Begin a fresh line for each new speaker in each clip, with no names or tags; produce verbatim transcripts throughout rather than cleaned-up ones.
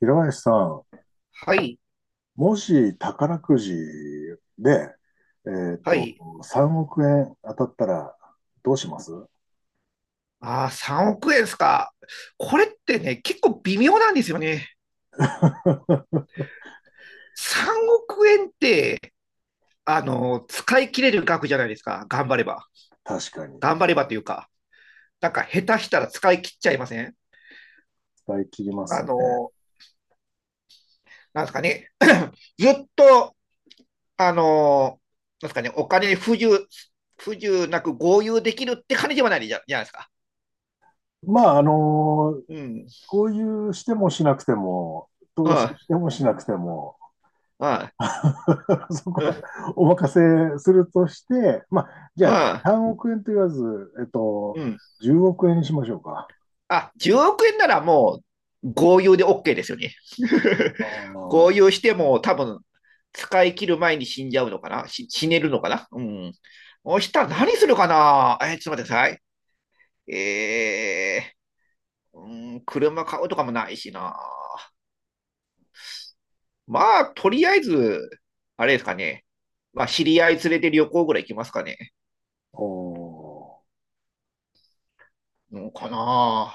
平林さん、
はい、
もし宝くじで、えっ
は
と、
い。
さんおく円当たったらどうします？
ああ、さんおく円ですか。これってね、結構微妙なんですよね。さんおく円って、あの、使い切れる額じゃないですか。頑張れば。
確かに。
頑張ればというか、なんか下手したら使い切っちゃいません？
使い切りま
あ
すね。
の、なんですかね。ずっと、あの、なんですかね、お金に不自由、不自由なく豪遊できるって感じではないじゃ、じゃないですか。
まあ、あの、
うん。
こういうしてもしなくても、投資
は
してもしなくても、
い、は
そ
い、う
こ
ん、
はお任せするとして、まあ、じゃあさんおく円と言わず、えっと、
うん。
じゅうおく円にしましょうか。
あ、じゅうおく円ならもう豪遊で オーケー ですよね。
あー、
豪遊しても多分使い切る前に死んじゃうのかな、し、死ねるのかな。うん。そしたら何するかな。えー、ちょっと待ってください。えー、うん、車買うとかもないしな。まあ、とりあえず、あれですかね。まあ、知り合い連れて旅行ぐらい行きますかね。
おー、
うん、かな。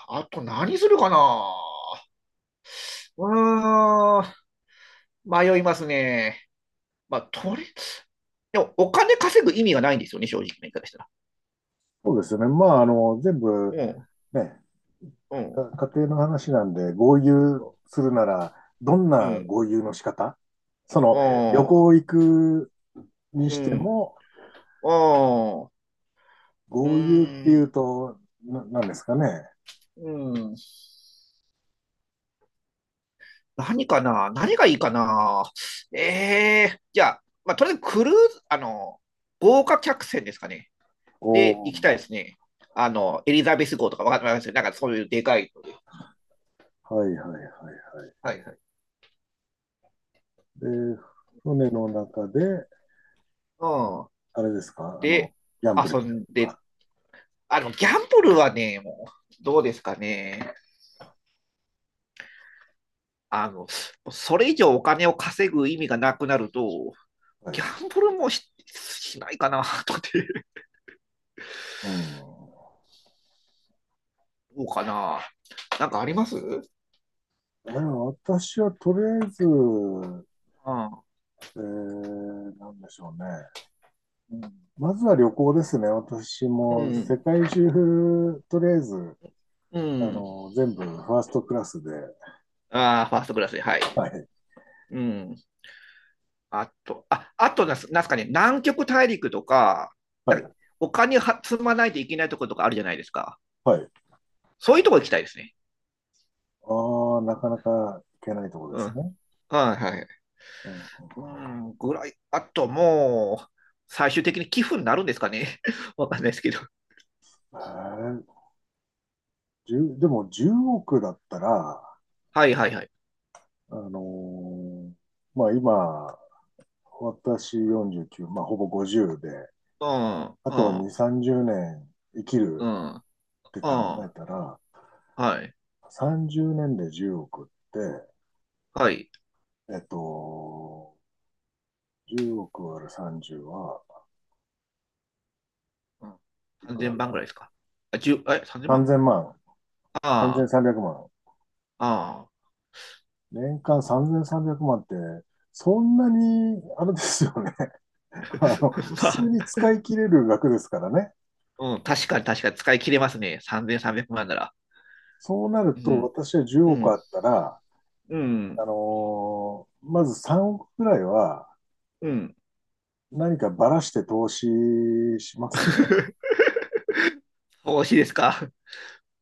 ああ、と何するかな。うーん、迷いますね。まあ、取れ、でもお金稼ぐ意味がないんですよね、正直な言い方したら。
そうですね。まあ、あの、全部、
うん、
ね、
うん、
家庭の話なんで、豪遊
そ
するなら、どん
う
な
ん、
豪遊の仕方、そ
う
の、
ん、
旅
あ
行行く
ー、
にして
うん、
も、
あん、うー
豪遊ってい
ん、
うと、ななんですかね。
うん。何かな。何がいいかな。ええー、じゃあ、まあ、とりあえずクルーズ、あの、豪華客船ですかね。
お
で、行きたい
ー、
ですね。あの、エリザベス号とかわかんないですよね。なんかそういうでかいので。
はい、はい、はい、は
はいはい。
い。で、船の中で、
うん。
あれですか、あの、
で、
ギャンブル
遊
したり
ん
と
で、
か。
あの、ギャンブルはね、もう、どうですかね。あの、それ以上お金を稼ぐ意味がなくなると、
は
ギ
い。
ャンブルもし、しないかな、とかって。
うん。
どうかな。なんかあります？
あ、私はとりあえず、
あ、
えー、なんでしょうね。
うん、
まずは旅行ですね。私
う
も
ん。
世界中、とりあえず
う
あ
ん。
の、全部ファーストクラスで、
ああ、ファーストクラスで、はい。
はい、
うん。あと、あ、あとなんす、なんすかね、南極大陸とか、
は
なんか
い、
お金は積まないといけないところとかあるじゃないですか。
はい。
そういうとこ行きたいですね。
ああ、なかなかいけないところで
う
す
ん。
ね。
はいはい。
うん、
うん、ぐらい。あともう、最終的に寄付になるんですかね。わかんないですけど。
えー、じゅうでもじゅうおくだったら、
はいはいはい。
あのーまあ今、私よんじゅうきゅう、まあほぼごじゅうで、
うん、
あ
う
とはに、
ん、
さんじゅうねん生き
う
るっ
ん、うん、
て考え
は
たら、
い、
さんじゅうねんでじゅうおくって、
はい。
えっと、じゅうおく割るさんじゅうは
うん、
いく
3000
ら
万
だ
ぐらいですか。あ、じゅう、え、30
?3000
万
万、
あ
さんぜんさんびゃくまん。
あ、ああ。
年間さんぜんさんびゃくまんって、そんなに、あれですよね。あの、普 通
ま
に
あ、
使い切れる額ですからね。
うん、確かに確かに使い切れますね。さんぜんさんびゃくまんなら。
そうなる
う
と、
ん、
私は10
う
億
ん、
あったら、
う
あ
ん、
のーまずさんおくくくらいは
うん。
何かばらして投資しますね。
投資ですか。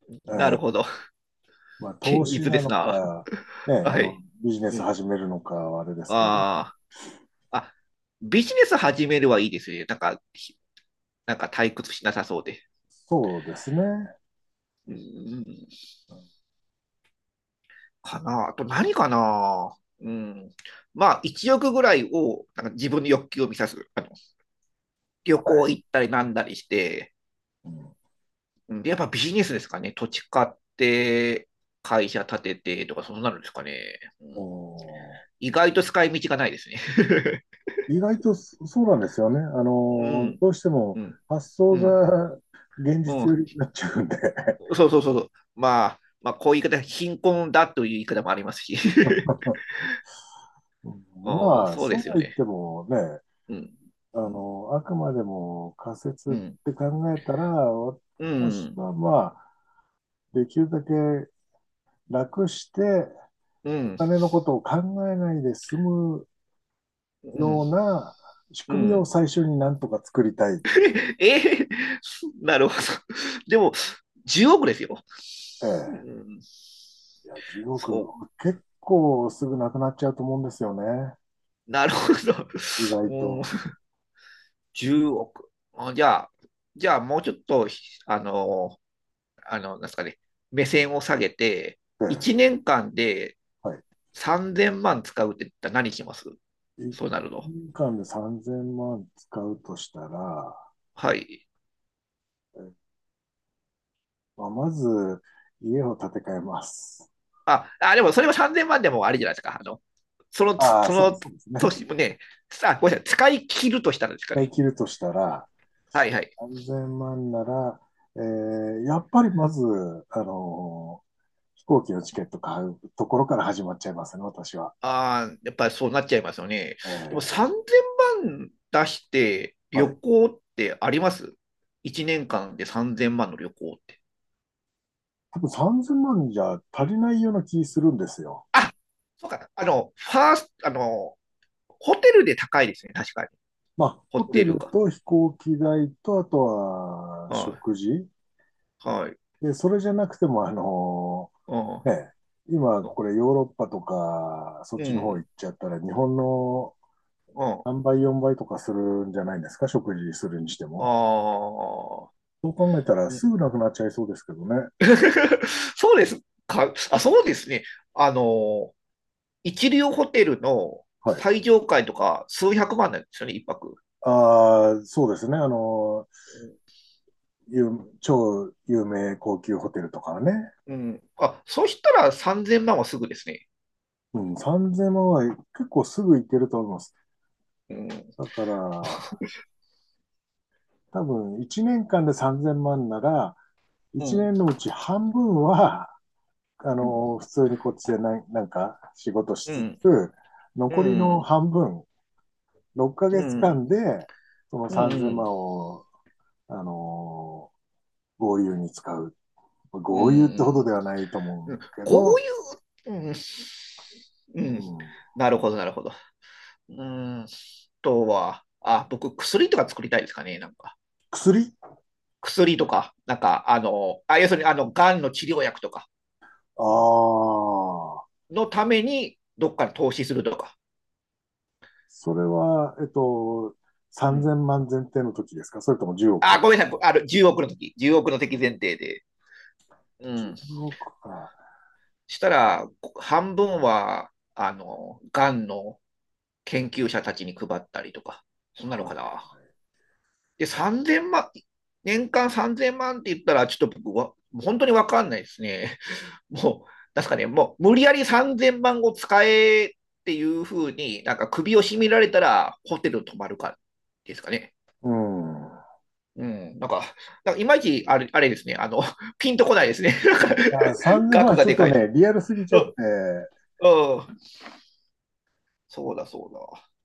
なる
え
ほど。
え、まあ、投
堅
資
実で
な
す
の
な。
か、ね、あ
は
の、
い。
ビジネ
う
ス
ん。
始めるのかはあれですけど、
ああ、あ、ビジネス始めるはいいですね。なんか、ひなんか退屈しなさそうで。
そうですね。は
うん、かな。あと何かな。うん。まあ、いちおくぐらいを、なんか自分の欲求を満たす。あの旅
い。
行行ったりなんだりして、
うん。
うん、で、やっぱビジネスですかね。土地買って、会社建ててとか、そうなるんですかね。う
お
ん、
ー。
意外と使い道がないですね。
意外とそそうなんですよね。あ
う
の、
ん、
どうしても
うん、
発想
うん、
が現
う
実寄
ん。
りになっちゃうんで。
そうそうそうそう。まあ、まあ、こういう言い方、貧困だという言い方もありますし。うん、
まあ、
そう
そ
で
う
す
は
よ
言っ
ね。
てもね、
うん、
あの、あくまでも仮説っ
うん、うん、
て考えたら、
う
私
ん、
はまあ、できるだけ楽して
う
お
ん、
金のことを考えないで済むような仕
う
組みを
ん。
最初になんとか作りたい。
えーなるほど。でも、じゅうおくですよ。
え
う
え。
ん、
いや、じゅうおく、
そ
結構すぐなくなっちゃうと思うんですよね。
う、なるほど。
意外
うん、
と。
じゅうおく。あ、じゃあ、じゃあもうちょっと、あの、あの、なんですかね、目線を下げて、
て、
いちねんかんで
はい。
さんぜんまん使うって言ったら何します？
1
そうなるの。
年間でさんぜんまん使うとしたら、
はい。
えまあ、まず家を建て替えます。
あ、あ、でもそれはさんぜんまんでもあれじゃないですか。あの、そのつ、
ああ、
そ
そう、
の
そうですね。
年もね、さあ、ごめんなさい、使い切るとしたらです
一
か
回
ね。
切るとしたら、
はいはい。
さんぜんまんなら、えー、やっぱりまず、あのー飛行機のチケット買うところから始まっちゃいますね、私は。
ああ、やっぱりそうなっちゃいますよね。
え
でも
ー、
さんぜんまん出して旅
はい。
行ってあります？ いち 年間でさんぜんまんの旅行って。
多分さんぜんまんじゃ足りないような気するんですよ。
あ、そうか。あの、ファースト、あの、ホテルで高いですね。確かに。
まあ、
ホ
ホテ
テル
ル
が。
と飛行機代と、あとは
は
食事
い。はい。
で、それじゃなくても、あの
うん。
ね、今
う
これヨーロッパとか、そっちの方
ん。
行っちゃったら、日本の
うん。
さんばい、よんばいとかするんじゃないですか、食事するにしても。
ああ。
そう考えたら、
うん。
すぐなくなっちゃいそうですけどね。
そうですか。あ、そうですね。あの、一流ホテルの
はい。
最上階とか数百万なんですよね、一泊。
ああ、そうですね。あの、有超有名高級ホテルとかはね。
うん。あ、そうしたらさんぜんまんはすぐですね。
うん、さんぜんまんは結構すぐ行けると思います。
うん。
だから、多分いちねんかんでさんぜんまんなら、
う
1
ん。
年のうち半分はあ
うん。
の、普通にこっちでななんか仕事し
う
つ
ん。
つ、
う
残りの
ん。
半分、6
う
ヶ月
ん。
間で、その
う
3000
ん。
万を、あの、豪遊に使う。
う
豪遊ってほど
ん。
ではないと
う
思
ん、
うけ
こう
ど、
いう、うん。う
う
ん。
ん、
なるほど、なるほど。うーん。あとは、あ、僕、薬とか作りたいですかね、なんか。
薬、
薬とか、なんか、あの、あ、要するに、あの、がんの治療薬とか
ああ、
のために、どっかに投資するとか。
それは、えっと、
う
3000
ん。
万前提の時ですか、それとも10
あ、
億
ごめんなさい。あの、じゅうおくの時、じゅうおくの敵前提で。うん。
いちおくか。
したら、半分は、あの、がんの研究者たちに配ったりとか、そんなの
は
か
い。
な。で、さんぜんまん、年間さんぜんまんって言ったら、ちょっと僕は、本当にわかんないですね。もう、なんすかね、もう無理やりさんぜんまんを使えっていうふうに、なんか首を絞められたらホテル泊まるかですかね。
うん。
うん、なんか、なんかいまいちあれあれですね、あの、ピンとこないですね。なんか、
いやさんぜんまん
額
は
が
ちょっ
で
と
かい。
ね、リアルすぎち
う
ゃって、
ん、うん、そうだそう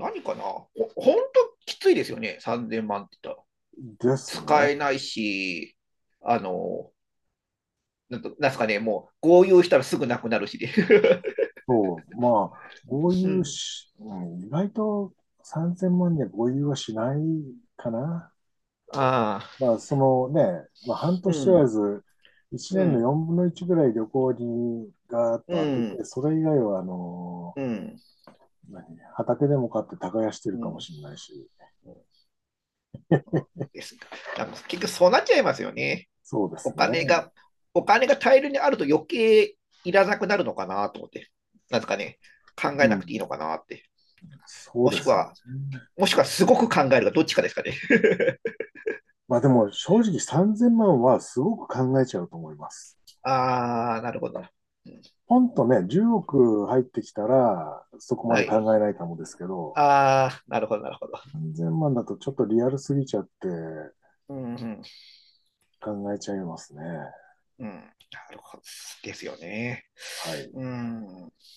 だ。何かな。ほほんときついですよね、さんぜんまんって言ったら。
です
使
ね。
えないし、あの、なんとなんすかね、もう、豪遊したらすぐなくなるしで。
そう、まあ、豪
う
遊
ん、
し、うん、意外とさんぜんまんには合流はしないかな。
ああ、
まあ、そのね、まあ、半
う
年とら
ん、
ず、1
う
年の
ん、
よんぶんのいちぐらい旅行にガーッ
う
と当て
ん、
て、それ以外は、あの
うん、
何、畑でも買って耕してる
う
かも
ん。
しれないし、
ですか。なんか結局そうなっちゃいますよね。
そうで
お
すね。
金が、お金が大量にあると余計いらなくなるのかなと思って。なんですかね、考え
う
な
ん、
くていいのかなって。
そう
も
で
しく
すね。
は、もしくはすごく考えるがどっちかですかね。
まあでも正直さんぜんまんはすごく考えちゃうと思います。
ああ、なるほどな。うん、
ポンとね、じゅうおく入ってきたら、そこま
は
で考
い。
えないかもですけど、
ああ、なるほど、なるほど。
さんぜんまんだとちょっとリアルすぎちゃって
うん、うん、
考えちゃいますね。
うん。なるほど。ですよね。
はい。
うん。